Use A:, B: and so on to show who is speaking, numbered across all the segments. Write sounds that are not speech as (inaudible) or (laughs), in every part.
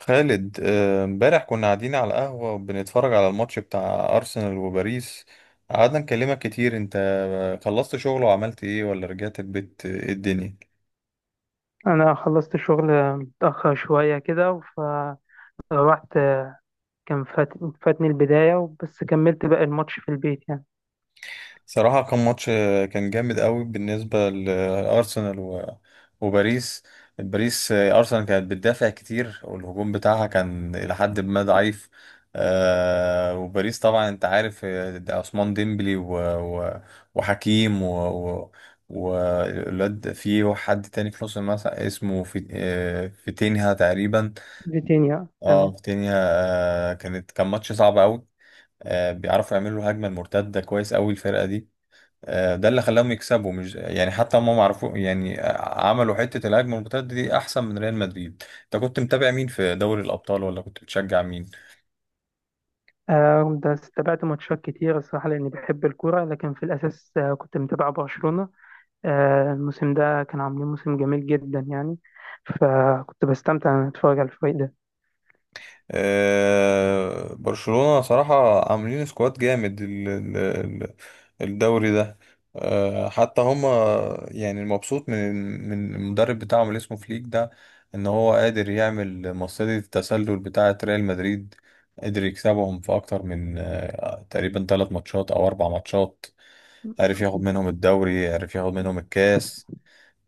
A: خالد، امبارح كنا قاعدين على قهوة وبنتفرج على الماتش بتاع أرسنال وباريس. قعدنا نكلمك كتير. انت خلصت شغل وعملت ايه ولا رجعت البيت؟ ايه الدنيا؟
B: انا خلصت شغل متاخر شويه كده فروحت. كان فات... فاتني البدايه، بس كملت باقي الماتش في البيت يعني.
A: صراحة كان ماتش، كان جامد قوي بالنسبة لأرسنال وباريس. باريس أرسنال كانت بتدافع كتير والهجوم بتاعها كان إلى حد ما ضعيف. وباريس طبعا أنت عارف، ده عثمان ديمبلي و- وحكيم و- والواد، في حد تاني في نص الملعب اسمه، في فيتينها تقريبا.
B: فيتينيا،
A: اه،
B: تمام.
A: فيتينها. كان ماتش صعب قوي. بيعرفوا يعملوا هجمة المرتدة كويس قوي الفرقة دي. ده اللي خلاهم يكسبوا، مش يعني حتى هم معرفوا يعني، عملوا حتة الهجمة المرتدة دي أحسن من ريال مدريد. أنت كنت متابع مين في دوري الأبطال ولا كنت بتشجع مين؟
B: آه، بس تابعت ماتشات كتير الصراحه، لاني بحب الكوره، لكن في الاساس كنت متابع برشلونه. الموسم ده كان عاملين موسم جميل جدا يعني. فكنت بستمتع ان اتفرج على الفريق ده.
A: أه، برشلونة صراحة عاملين سكواد جامد الدوري ده. أه حتى هم، يعني المبسوط من المدرب بتاعهم اللي اسمه فليك ده، إن هو قادر يعمل مصيدة التسلل بتاعة ريال مدريد. قدر يكسبهم في أكتر من، تقريبا 3 ماتشات أو 4 ماتشات. عرف ياخد منهم الدوري، عرف ياخد منهم الكاس.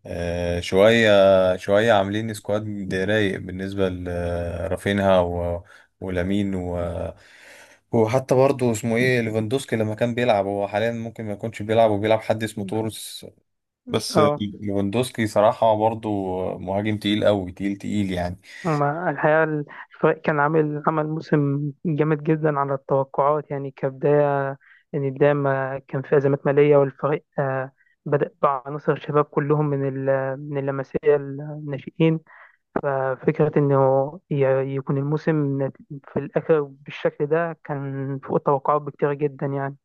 A: شوية شوية عاملين سكواد رايق بالنسبة لرافينها ولامين وحتى برضه اسمه ايه ليفاندوسكي، لما كان بيلعب. هو حاليا ممكن ما يكونش بيلعب وبيلعب حد اسمه تورس بس.
B: اه
A: ليفاندوسكي صراحة برضه مهاجم تقيل قوي، تقيل تقيل يعني.
B: هما الحقيقة الفريق كان عمل موسم جامد جدا على التوقعات يعني، كبداية. يعني بداية ما كان في أزمات مالية، والفريق بدأ بعناصر الشباب كلهم من اللمسية الناشئين. ففكرة إنه يكون الموسم في الآخر بالشكل ده كان فوق التوقعات بكتير جدا يعني.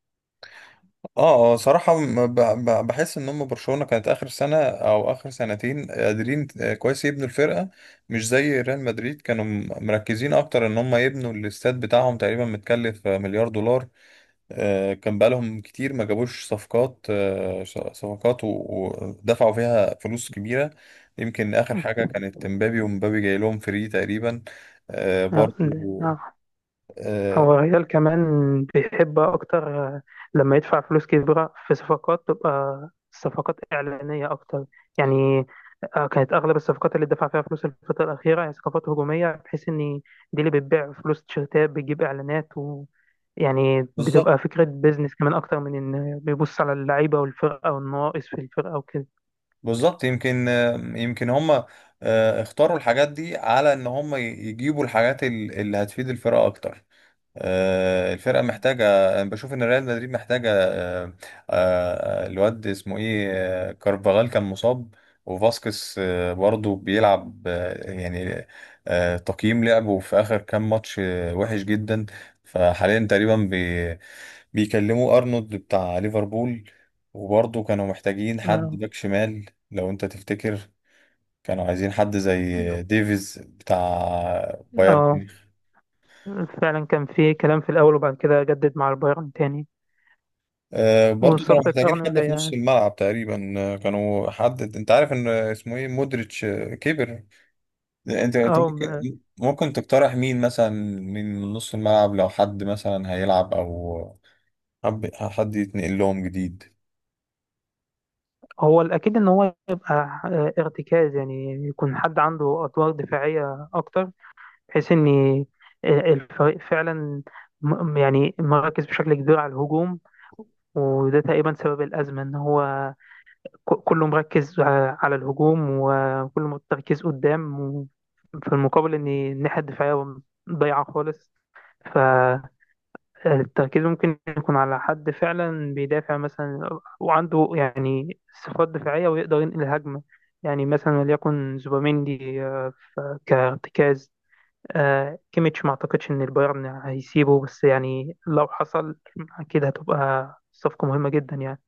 A: اه اه صراحة بحس ان هم برشلونة كانت اخر سنة او اخر سنتين قادرين كويس يبنوا الفرقة. مش زي ريال مدريد، كانوا مركزين اكتر ان هم يبنوا الاستاد بتاعهم، تقريبا متكلف مليار دولار. كان بقالهم كتير ما جابوش صفقات، صفقات ودفعوا فيها فلوس كبيرة. يمكن اخر حاجة كانت مبابي، ومبابي جاي لهم فري تقريبا.
B: آه، ده-
A: برضو.
B: آه.
A: آه،
B: هو الريال كمان بيحب أكتر لما يدفع فلوس كبيرة في صفقات تبقى صفقات إعلانية أكتر يعني. كانت أغلب الصفقات اللي دفع فيها فلوس الفترة الأخيرة هي صفقات هجومية، بحيث إن دي اللي بتبيع فلوس تيشيرتات بتجيب إعلانات، ويعني
A: بالظبط،
B: بتبقى فكرة بيزنس كمان أكتر من إن بيبص على اللعيبة والفرقة والنواقص في الفرقة وكده.
A: بالظبط. يمكن هم اختاروا الحاجات دي على ان هم يجيبوا الحاجات اللي هتفيد الفرقه اكتر. الفرقه محتاجه. انا بشوف ان ريال مدريد محتاجه، الواد اسمه ايه، كارفاغال كان مصاب. وفاسكس برضه بيلعب يعني، تقييم لعبه في اخر كام ماتش وحش جدا. فحاليا تقريبا بيكلموا ارنولد بتاع ليفربول، وبرضه كانوا محتاجين حد
B: أنا
A: باك شمال، لو انت تفتكر، كانوا عايزين حد زي ديفيز بتاع بايرن
B: اه
A: ميونخ.
B: فعلا كان في كلام في الأول، وبعد كده جدد مع البايرن تاني.
A: آه، برضه كانوا
B: وصفقة
A: محتاجين
B: أرنولد
A: حد في نص
B: هي-
A: الملعب تقريبا، كانوا، حد انت عارف ان اسمه ايه، مودريتش كبر. انت
B: اه
A: ممكن تقترح مين مثلا من نص الملعب، لو حد مثلا هيلعب او حد يتنقل لهم جديد؟
B: هو الأكيد إن هو يبقى ارتكاز، يعني يكون حد عنده أدوار دفاعية أكتر، بحيث إن الفريق فعلا يعني مركز بشكل كبير على الهجوم، وده تقريبا سبب الأزمة إن هو كله مركز على الهجوم، وكله تركيز قدام في المقابل إن الناحية الدفاعية ضايعة خالص. التركيز ممكن يكون على حد فعلا بيدافع مثلا وعنده يعني صفات دفاعية ويقدر ينقل الهجمة، يعني مثلا وليكن زوبيميندي، ف- كارتكاز. كيميتش، ما اعتقدش ان البايرن هيسيبه، بس يعني لو حصل اكيد هتبقى صفقة مهمة جدا يعني.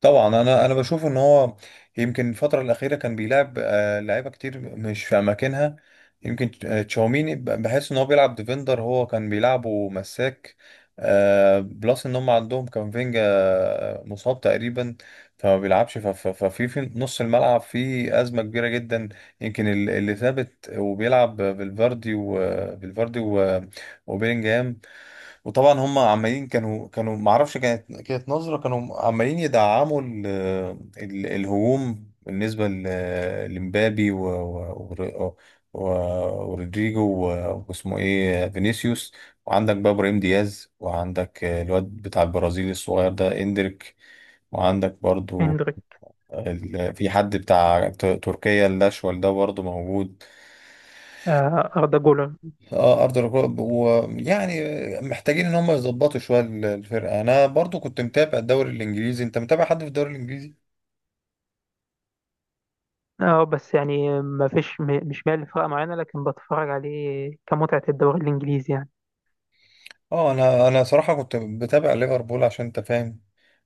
A: طبعا انا بشوف ان هو يمكن الفتره الاخيره كان بيلعب لعيبه كتير مش في اماكنها. يمكن تشاوميني بحس ان هو بيلعب ديفندر، هو كان بيلعبه مساك. بلس ان هم عندهم كامافينجا مصاب تقريبا، فما بيلعبش. ف- ف- ففي في نص الملعب في ازمه كبيره جدا. يمكن اللي ثابت وبيلعب بالفاردي وبيلينجهام. وطبعا هم عمالين، كانوا ما اعرفش، كانت نظرة، كانوا عمالين يدعموا ال ال الهجوم بالنسبة لمبابي و- و- ورودريجو واسمه ايه فينيسيوس. وعندك بقى ابراهيم دياز، وعندك الواد بتاع البرازيل الصغير ده اندريك. وعندك برضو
B: هندريك.
A: في حد بتاع تركيا الاشول ده برضو موجود.
B: أردا جولر.
A: اه، ارض الركاب. ويعني محتاجين ان هم يظبطوا شويه الفرقه. انا برضو كنت متابع الدوري الانجليزي، انت متابع حد في الدوري الانجليزي؟
B: اه، بس يعني ما فيش م- مش مال لفرقة معينة، لكن بتفرج عليه كمتعة الدوري الإنجليزي يعني.
A: اه، انا صراحه كنت بتابع ليفربول، عشان انت فاهم،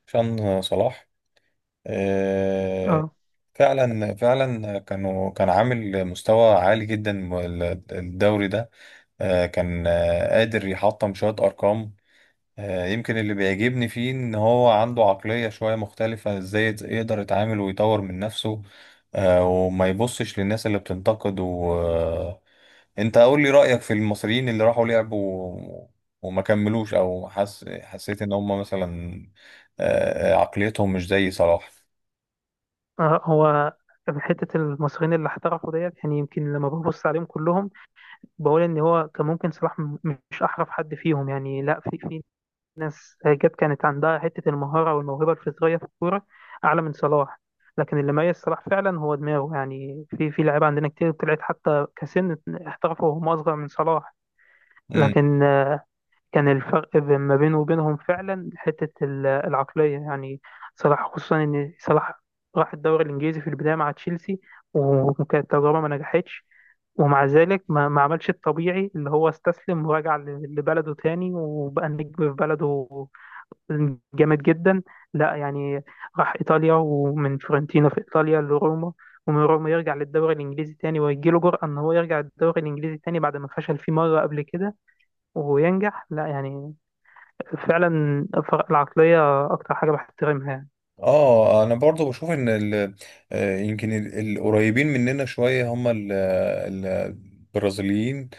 A: عشان صلاح. آه،
B: اه.
A: فعلا فعلا، كان عامل مستوى عالي جدا الدوري ده. آه كان، آه قادر يحطم شويه ارقام. يمكن اللي بيعجبني فيه ان هو عنده عقلية شوية مختلفة، ازاي يقدر يتعامل ويطور من نفسه. وما يبصش للناس اللي بتنتقد. وانت قول لي رأيك في المصريين اللي راحوا لعبوا و- وما كملوش، او حسيت ان هم مثلا عقليتهم مش زي صلاح.
B: هو في حتة المصريين اللي احترفوا ديت، يعني يمكن لما ببص عليهم كلهم، بقول إن هو كان ممكن صلاح مش أحرف حد فيهم، يعني لا، في ناس جت كانت عندها حتة المهارة والموهبة الفطرية في الكورة أعلى من صلاح. لكن اللي ميز صلاح فعلا هو دماغه، يعني في لعيبة عندنا كتير طلعت حتى كسن، احترفوا وهم أصغر من صلاح. لكن كان الفرق ما بينه وبينهم فعلا حتة العقلية يعني. صلاح، خصوصا إن صلاح راح الدوري الإنجليزي في البداية مع تشيلسي، وكانت تجربة ما نجحتش. ومع ذلك ما عملش الطبيعي، اللي هو استسلم ورجع لبلده تاني وبقى نجم في بلده جامد جدا. لا يعني، راح إيطاليا، ومن فيورنتينا في إيطاليا لروما، ومن روما يرجع للدوري الإنجليزي تاني، ويجيله جرأة إن هو يرجع للدوري الإنجليزي تاني بعد ما فشل فيه مرة قبل كده، وينجح. لا يعني، فعلا الفرق العقلية أكتر حاجة بحترمها.
A: اه، انا برضو بشوف ان يمكن القريبين مننا شويه هم البرازيليين،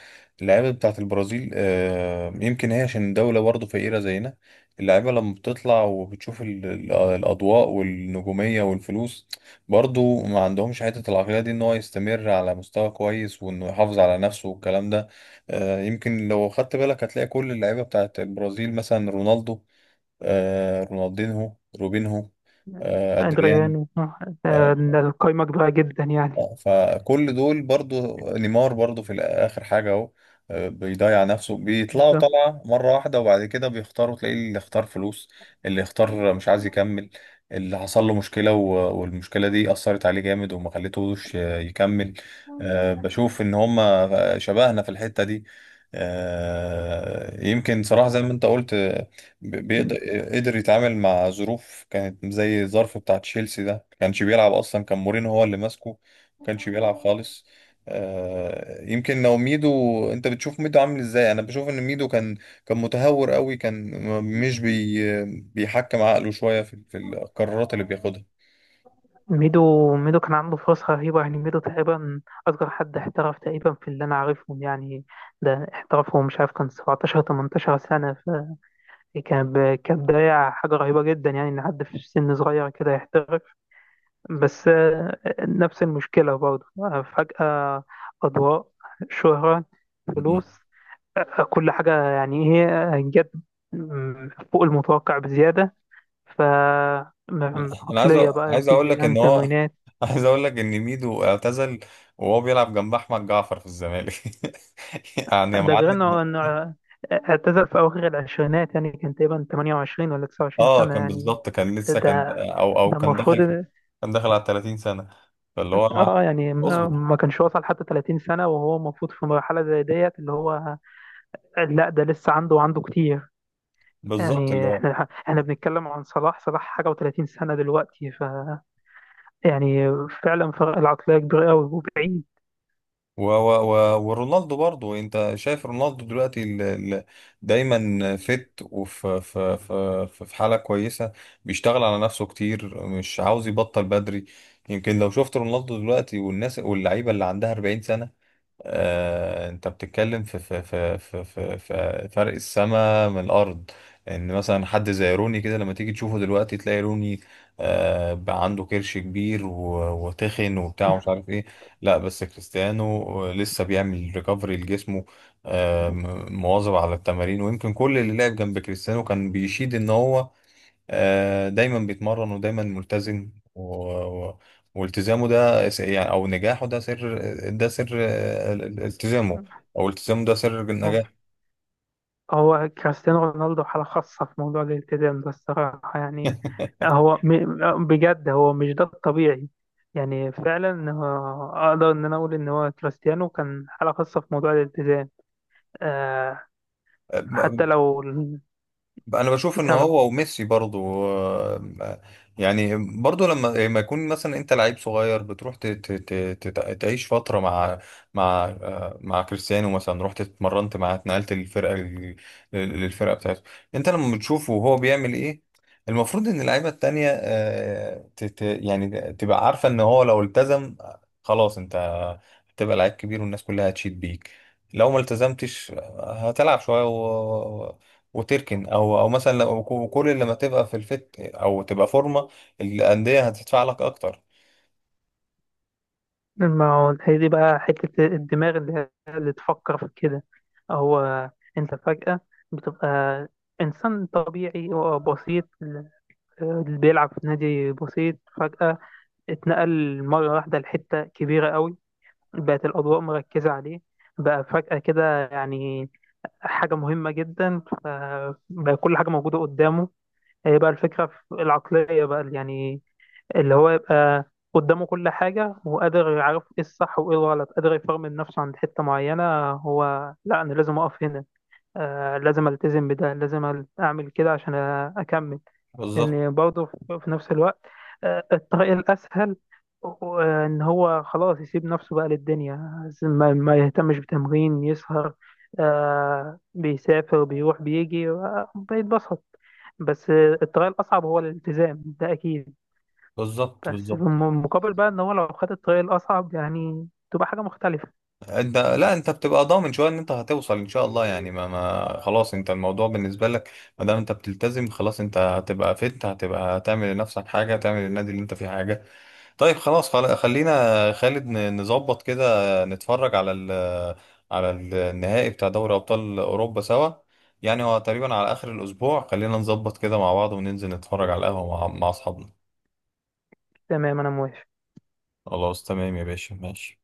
A: اللعيبه بتاعت البرازيل. يمكن هي عشان دوله برضو فقيره زينا، اللعيبه لما بتطلع وبتشوف الاضواء والنجوميه والفلوس، برضو ما عندهمش حته العقليه دي، ان هو يستمر على مستوى كويس وانه يحافظ على نفسه والكلام ده. يمكن لو خدت بالك هتلاقي كل اللعيبه بتاعت البرازيل، مثلا رونالدو، آه رونالدينهو، روبينهو،
B: يعني
A: آه أدريان.
B: أدريانو. آه،
A: آه.
B: القايمة كبيرة جدا يعني.
A: فكل دول برضو، نيمار برضو في اخر حاجه اهو، بيضيع نفسه. بيطلعوا
B: بالظبط.
A: طلعه مره واحده وبعد كده بيختاروا، تلاقي اللي اختار فلوس، اللي اختار مش عايز يكمل، اللي حصل له مشكله والمشكله دي اثرت عليه جامد وما خليتهوش يكمل. بشوف ان هما شبهنا في الحته دي. يمكن صراحه زي ما انت قلت، بيقدر، قدر يتعامل مع ظروف كانت زي الظرف بتاع تشيلسي ده، ما كانش بيلعب اصلا، كان مورينو هو اللي ماسكه، كانش بيلعب خالص. يمكن لو ميدو، انت بتشوف ميدو عامل ازاي؟ انا بشوف ان ميدو كان متهور قوي، كان مش بيحكم عقله شوية في القرارات اللي بياخدها.
B: ميدو، ميدو كان عنده فرص رهيبة يعني. ميدو تقريبا أصغر حد احترف تقريبا في اللي أنا عارفهم يعني. ده احترفه، مش عارف، كان 17 18 سنة. فكان ب- كان بداية حاجة رهيبة جدا، يعني إن حد في سن صغير كده يحترف. بس نفس المشكلة برضه. فجأة، أضواء، شهرة،
A: مم.
B: فلوس، كل حاجة يعني، هي جت فوق المتوقع بزيادة. ف
A: انا أنا عايز
B: عقلية بقى،
A: عايز اقول لك
B: التزام،
A: ان هو
B: تمرينات.
A: (laughs) عايز اقول لك ان ميدو اعتزل وهو بيلعب جنب احمد جعفر في الزمالك (laughs) يعني يا
B: ده غير
A: معلم.
B: إنه اعتزل في أواخر العشرينات، يعني كان تقريبا 28 ولا 29
A: اه،
B: سنة
A: كان
B: يعني.
A: بالظبط، كان
B: ده
A: لسه، كان
B: ده
A: او او
B: ده
A: كان
B: المفروض.
A: داخل، كان داخل على 30 سنة، فاللي هو مع...
B: اه، يعني ما
A: اصبر.
B: ما كانش وصل حتى 30 سنة، وهو المفروض في مرحلة زي ديت اللي هو. لا، ده لسه عنده وعنده كتير.
A: بالظبط، اللي
B: يعني
A: هو.
B: احنا بنتكلم عن صلاح. صلاح حاجة و30 سنة دلوقتي، ف يعني فعلا فرق العقلية كبير قوي وبعيد.
A: و و و ورونالدو برضو، انت شايف رونالدو دلوقتي ال ال دايما فت، وفي في في في حالة كويسة، بيشتغل على نفسه كتير، مش عاوز يبطل بدري. يمكن لو شفت رونالدو دلوقتي والناس واللعيبة اللي عندها 40 سنة، انت بتتكلم في فرق السماء من الارض. ان مثلا حد زي روني كده، لما تيجي تشوفه دلوقتي تلاقي روني بقى عنده كرش كبير وتخن وبتاع ومش عارف
B: (laughs)
A: ايه. لا، بس كريستيانو لسه بيعمل ريكفري لجسمه، مواظب على التمارين. ويمكن كل اللي لعب جنب كريستيانو كان بيشيد ان هو دايما بيتمرن ودايما ملتزم. والتزامه ده يعني او نجاحه ده سر. ده سر التزامه. او التزامه ده سر
B: هو
A: النجاح.
B: هو كريستيانو رونالدو حالة خاصة في موضوع الالتزام ده الصراحة يعني. هو بجد، هو مش ده الطبيعي، يعني فعلا أقدر إن أنا أقول إن هو كريستيانو كان حالة خاصة في موضوع الالتزام. آه حتى
A: آه،
B: لو
A: انا بشوف ان
B: سما.
A: هو وميسي برضو يعني، برضو، لما يكون مثلا انت لعيب صغير، بتروح تعيش فتره مع مع كريستيانو مثلا، رحت اتمرنت معاه، اتنقلت للفرقه للفرقه بتاعته. انت لما بتشوفه وهو بيعمل ايه، المفروض ان اللعيبه التانيه يعني تبقى عارفه ان هو لو التزم خلاص، انت هتبقى لعيب كبير والناس كلها هتشيد بيك. لو ما التزمتش هتلعب شويه وتركن، او او مثلا لو كل لما تبقى في الفت او تبقى فورمه، الانديه هتدفع لك اكتر.
B: ما هو هي دي بقى حتة الدماغ اللي تفكر في كده. هو، أنت فجأة بتبقى إنسان طبيعي وبسيط آه، اللي بيلعب في نادي بسيط فجأة اتنقل مرة واحدة لحتة كبيرة قوي بقت الأضواء مركزة عليه بقى فجأة كده يعني حاجة مهمة جدا فبقى كل حاجة موجودة قدامه هي بقى الفكرة في العقلية بقى يعني اللي هو يبقى قدامه كل حاجة وقادر يعرف ايه الصح وايه الغلط قادر يفرمل نفسه عند حتة معينة هو لا أنا لازم أقف هنا، لازم ألتزم بده، لازم أعمل كده عشان أكمل.
A: بالظبط،
B: يعني برضه في نفس الوقت، الطريق الأسهل إن هو خلاص يسيب نفسه بقى للدنيا، ما يهتمش بتمرين، يسهر، بيسافر، بيروح، بيجي، بيتبسط. بس الطريق الأصعب هو الالتزام ده أكيد.
A: بالظبط.
B: بس في
A: بالظبط.
B: المقابل بقى إن هو لو خد الطريق الأصعب، يعني تبقى حاجة مختلفة.
A: انت لا، انت بتبقى ضامن شويه ان انت هتوصل ان شاء الله يعني. ما ما خلاص، انت الموضوع بالنسبه لك، ما دام انت بتلتزم خلاص، انت هتبقى فت، هتبقى تعمل لنفسك حاجه، تعمل للنادي اللي انت فيه حاجه. طيب خلاص، خلينا خالد نظبط كده، نتفرج على على النهائي بتاع دوري أبطال أوروبا سوا، يعني هو تقريبا على آخر الأسبوع. خلينا نظبط كده مع بعض وننزل نتفرج على القهوة مع أصحابنا.
B: تمام، أنا موافق.
A: خلاص تمام يا باشا، ماشي.